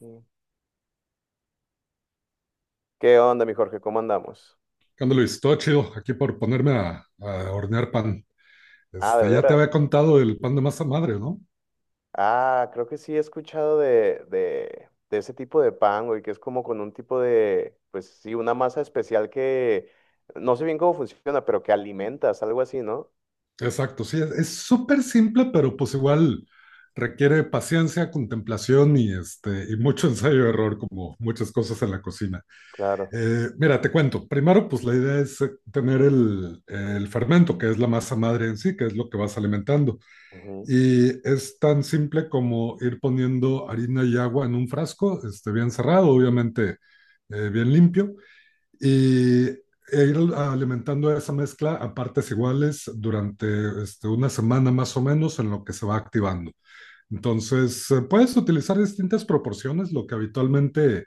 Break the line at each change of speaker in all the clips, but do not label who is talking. Mm. ¿Qué onda, mi Jorge? ¿Cómo andamos?
¿Qué onda, Luis? Todo chido aquí por ponerme a hornear pan.
Ah, de
Ya te
veras.
había contado el pan de masa madre, ¿no?
Ah, creo que sí he escuchado de ese tipo de pan, güey, que es como con un tipo de, pues sí, una masa especial que no sé bien cómo funciona, pero que alimentas, algo así, ¿no?
Exacto, sí, es súper simple, pero pues igual requiere paciencia, contemplación y, y mucho ensayo y error, como muchas cosas en la cocina.
Claro.
Mira, te cuento. Primero, pues la idea es tener el fermento, que es la masa madre en sí, que es lo que vas alimentando.
Ujú.
Y es tan simple como ir poniendo harina y agua en un frasco, bien cerrado, obviamente bien limpio, y ir alimentando esa mezcla a partes iguales durante 1 semana más o menos en lo que se va activando. Entonces, puedes utilizar distintas proporciones. Lo que habitualmente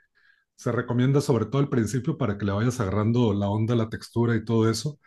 se recomienda, sobre todo al principio, para que le vayas agarrando la onda, la textura y todo eso,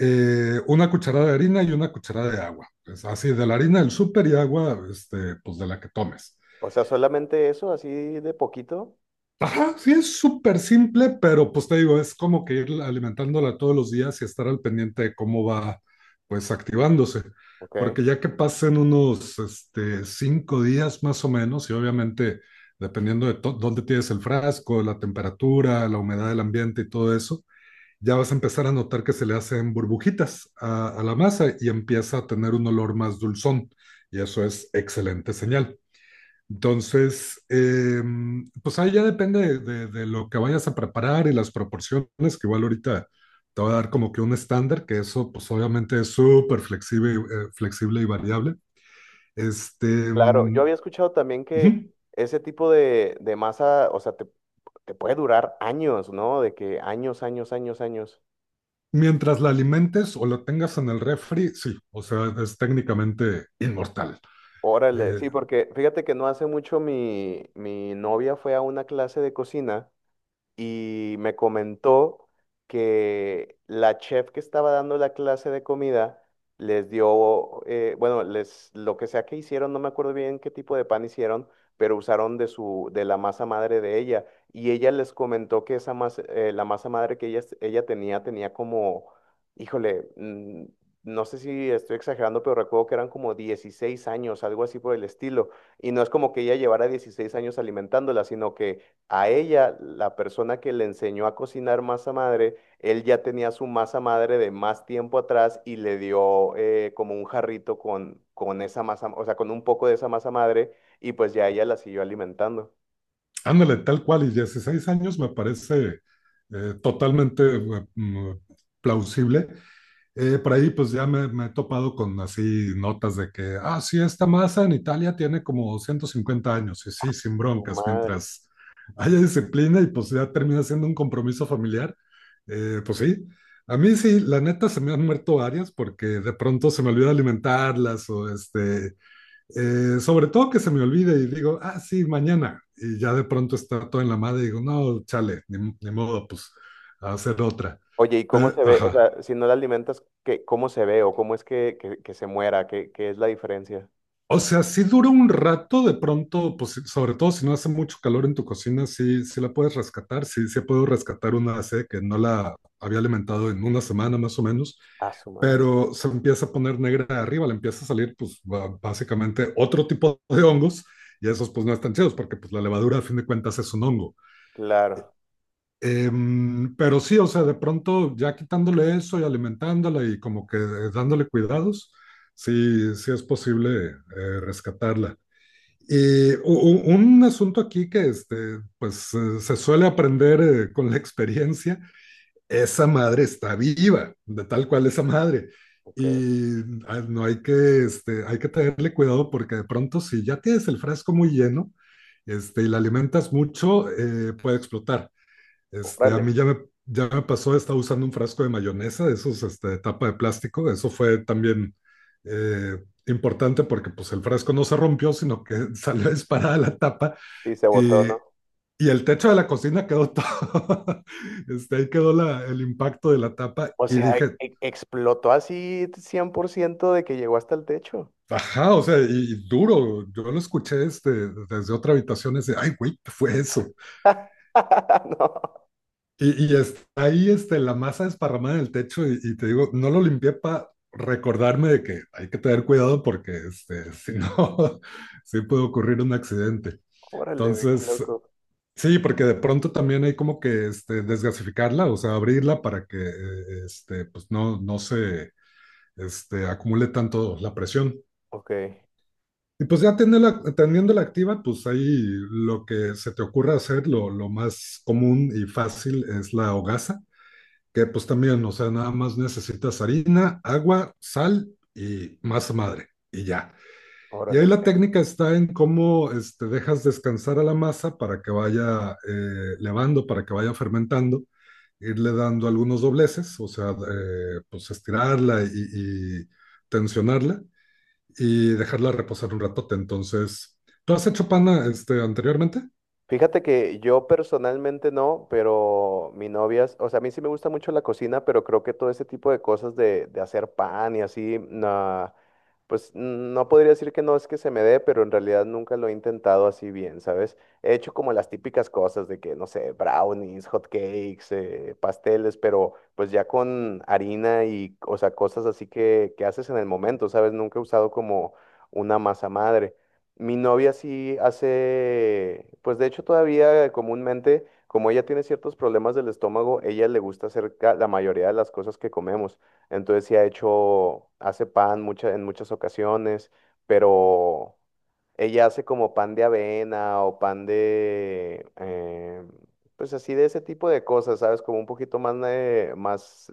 una cucharada de harina y una cucharada de agua. Pues así, de la harina del súper y agua, pues de la que tomes.
O sea, solamente eso, así de poquito.
Ajá, sí, es súper simple, pero pues te digo, es como que ir alimentándola todos los días y estar al pendiente de cómo va pues activándose.
Ok.
Porque ya que pasen unos 5 días más o menos, y obviamente dependiendo de dónde tienes el frasco, la temperatura, la humedad del ambiente y todo eso, ya vas a empezar a notar que se le hacen burbujitas a la masa y empieza a tener un olor más dulzón. Y eso es excelente señal. Entonces, pues ahí ya depende de, lo que vayas a preparar y las proporciones, que igual ahorita te voy a dar como que un estándar, que eso pues obviamente es súper flexible. Flexible y variable. Este,
Claro, yo
um,
había escuchado también que ese tipo de masa, o sea, te puede durar años, ¿no? De que años, años, años, años.
Mientras la alimentes o la tengas en el refri, sí, o sea, es técnicamente inmortal.
Órale,
Eh,
sí, porque fíjate que no hace mucho mi novia fue a una clase de cocina y me comentó que la chef que estaba dando la clase de comida les dio, bueno, les, lo que sea que hicieron, no me acuerdo bien qué tipo de pan hicieron, pero usaron de su, de la masa madre de ella. Y ella les comentó que esa masa, la masa madre que ella tenía, tenía como, híjole, mm, no sé si estoy exagerando, pero recuerdo que eran como 16 años, algo así por el estilo. Y no es como que ella llevara 16 años alimentándola, sino que a ella, la persona que le enseñó a cocinar masa madre, él ya tenía su masa madre de más tiempo atrás y le dio como un jarrito con esa masa, o sea, con un poco de esa masa madre y pues ya ella la siguió alimentando.
Ándale, tal cual, y 16 años me parece totalmente plausible. Por ahí pues ya me he topado con así notas de que, ah, sí, esta masa en Italia tiene como 150 años, y sí, sin
Su
broncas,
madre.
mientras haya disciplina y pues ya termina siendo un compromiso familiar, pues sí. A mí sí, la neta se me han muerto varias porque de pronto se me olvida alimentarlas o sobre todo que se me olvide y digo, ah, sí, mañana. Y ya de pronto está todo en la madre y digo, no, chale, ni, ni modo, pues a hacer otra.
Oye, ¿y cómo
Pero,
se ve? O
ajá.
sea, si no la alimentas, Cómo se ve o cómo es que se muera? ¿Qué es la diferencia?
O sea, sí dura un rato de pronto, pues sí, sobre todo si no hace mucho calor en tu cocina, sí, sí la puedes rescatar. Sí, sí puedo rescatar una C que no la había alimentado en 1 semana más o menos,
A su madre.
pero se empieza a poner negra de arriba, le empieza a salir, pues básicamente otro tipo de hongos. Y esos pues no están chidos porque pues la levadura a fin de cuentas es un hongo.
Claro,
Pero sí, o sea, de pronto ya quitándole eso y alimentándola y como que dándole cuidados, sí, sí es posible rescatarla. Y un asunto aquí que pues se suele aprender, con la experiencia, esa madre está viva, de tal cual esa madre.
ok.
Y ah, no hay que, hay que tenerle cuidado porque de pronto si ya tienes el frasco muy lleno, y la alimentas mucho, puede explotar. Este, a
Órale.
mí ya me, Ya me pasó. Estaba usando un frasco de mayonesa, de esos, de tapa de plástico. Eso fue también importante porque pues el frasco no se rompió, sino que salió disparada la tapa
Sí, se botó,
y,
¿no?
y el techo de la cocina quedó todo, ahí quedó la, el impacto de la tapa
O
y
sea,
dije,
explotó así 100% de que llegó hasta el techo.
ajá, o sea, y duro, yo lo escuché desde otra habitación, ese, ay, güey, ¿qué fue eso?
No,
Y está ahí la masa desparramada en el techo y te digo, no lo limpié para recordarme de que hay que tener cuidado porque si no, sí puede ocurrir un accidente.
órale, güey, qué
Entonces,
loco.
sí, porque de pronto también hay como que desgasificarla, o sea, abrirla para que pues no, no se acumule tanto la presión.
Ok,
Y pues ya teniéndola activa, pues ahí lo que se te ocurra hacer, lo más común y fácil es la hogaza, que pues también, o sea, nada más necesitas harina, agua, sal y masa madre, y ya. Y
órale.
ahí la
Ok.
técnica está en cómo dejas descansar a la masa para que vaya, levando, para que vaya fermentando, irle dando algunos dobleces, o sea, pues estirarla y tensionarla y dejarla reposar un ratote. Entonces, ¿tú has hecho pana anteriormente?
Fíjate que yo personalmente no, pero mi novia, o sea, a mí sí me gusta mucho la cocina, pero creo que todo ese tipo de cosas de hacer pan y así, no, pues no podría decir que no es que se me dé, pero en realidad nunca lo he intentado así bien, ¿sabes? He hecho como las típicas cosas de que, no sé, brownies, hot cakes, pasteles, pero pues ya con harina y, o sea, cosas así que haces en el momento, ¿sabes? Nunca he usado como una masa madre. Mi novia sí hace, pues de hecho todavía comúnmente, como ella tiene ciertos problemas del estómago, ella le gusta hacer la mayoría de las cosas que comemos. Entonces sí ha hecho, hace pan en muchas ocasiones, pero ella hace como pan de avena o pan de, pues así de ese tipo de cosas, ¿sabes? Como un poquito más, más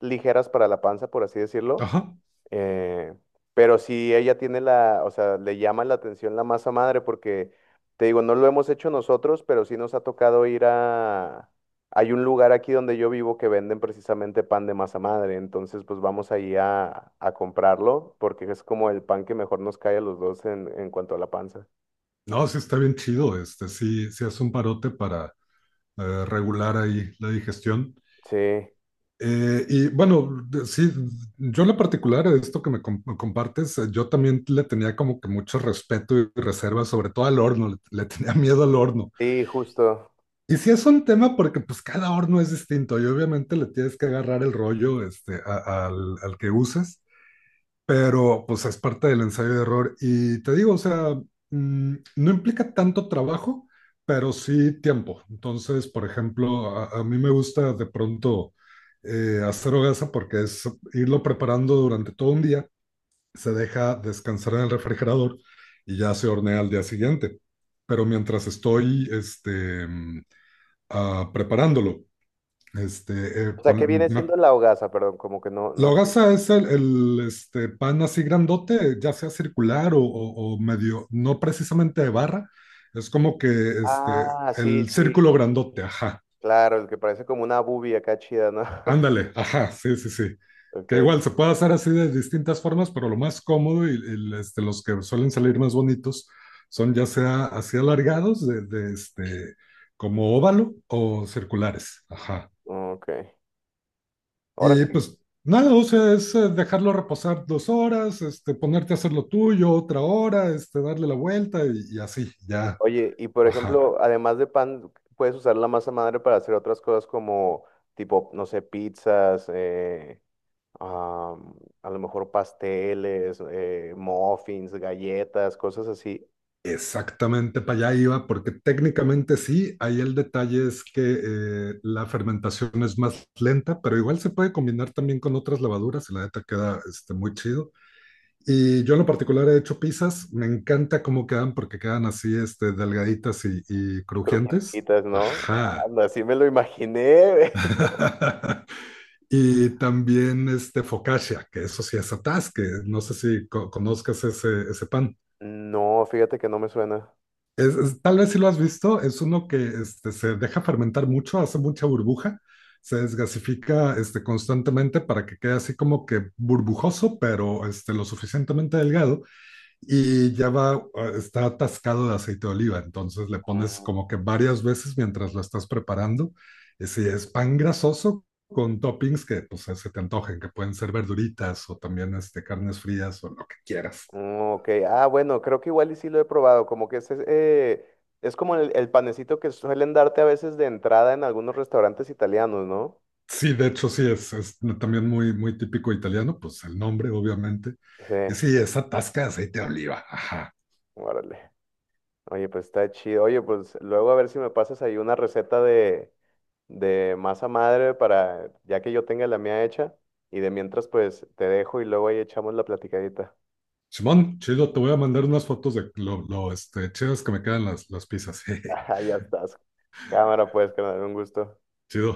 ligeras para la panza, por así decirlo.
Ajá.
Eh, pero si ella tiene o sea, le llama la atención la masa madre porque, te digo, no lo hemos hecho nosotros, pero sí nos ha tocado ir a... Hay un lugar aquí donde yo vivo que venden precisamente pan de masa madre, entonces pues vamos ahí a comprarlo porque es como el pan que mejor nos cae a los dos en cuanto a la panza.
No, sí está bien chido, sí, sí es un parote para regular ahí la digestión.
Sí,
Sí, yo en lo particular, esto que me me compartes, yo también le tenía como que mucho respeto y reserva, sobre todo al horno. Le tenía miedo al horno.
sí, justo.
Y sí es un tema porque pues cada horno es distinto y obviamente le tienes que agarrar el rollo al que uses, pero pues es parte del ensayo de error. Y te digo, o sea, no implica tanto trabajo, pero sí tiempo. Entonces, por ejemplo, a mí me gusta de pronto hacer hogaza porque es irlo preparando durante todo un día, se deja descansar en el refrigerador y ya se hornea al día siguiente. Pero mientras estoy preparándolo, este, eh,
O sea, ¿qué
pon-
viene
me,
siendo la hogaza? Perdón, como que no,
la
no.
hogaza es el pan así grandote, ya sea circular o o- medio, no precisamente de barra. Es como que este,
Ah, sí,
el
sí,
círculo grandote, ajá,
claro, el que parece como una bubi acá chida, ¿no?
ándale, ajá, sí, sí, sí,
Ok,
que igual se puede hacer así de distintas formas, pero lo más cómodo y, los que suelen salir más bonitos son ya sea así alargados, como óvalo o circulares, ajá.
ok.
Y
Órale.
pues nada, o sea, es dejarlo reposar 2 horas, ponerte a hacer lo tuyo otra hora, darle la vuelta y así, ya.
Oye, y por
Ajá,
ejemplo, además de pan, puedes usar la masa madre para hacer otras cosas como, tipo, no sé, pizzas, am, a lo mejor pasteles, muffins, galletas, cosas así,
exactamente para allá iba, porque técnicamente sí. Ahí el detalle es que la fermentación es más lenta, pero igual se puede combinar también con otras levaduras y la neta queda muy chido. Y yo en lo particular he hecho pizzas. Me encanta cómo quedan porque quedan así, delgaditas y
y
crujientes.
crujientitas, ¿no?
Ajá.
Anda, así me lo imaginé.
Y también este focaccia, que eso sí es atrás, que no sé si conozcas ese, ese pan.
No, fíjate que no me suena.
Tal vez si lo has visto, es uno que se deja fermentar mucho, hace mucha burbuja, se desgasifica constantemente para que quede así como que burbujoso, pero lo suficientemente delgado. Y ya va, está atascado de aceite de oliva, entonces le pones
Mm,
como que varias veces mientras lo estás preparando. Y si es pan grasoso con toppings que pues se te antojen, que pueden ser verduritas o también carnes frías o lo que quieras.
mm, ok, ah, bueno, creo que igual y sí lo he probado, como que es como el panecito que suelen darte a veces de entrada en algunos restaurantes italianos, ¿no?
Sí, de hecho sí, es también muy, muy típico italiano, pues el nombre obviamente. Y
Sí,
sí, esa tasca de aceite de oliva, ajá.
órale. Oye, pues está chido. Oye, pues luego a ver si me pasas ahí una receta de masa madre para, ya que yo tenga la mía hecha, y de mientras pues te dejo y luego ahí echamos la platicadita.
Simón, chido, te voy a mandar unas fotos de lo chidas que me quedan las pizzas. Jeje,
Ah, ya estás. Cámara, pues, carnal, un gusto.
chido.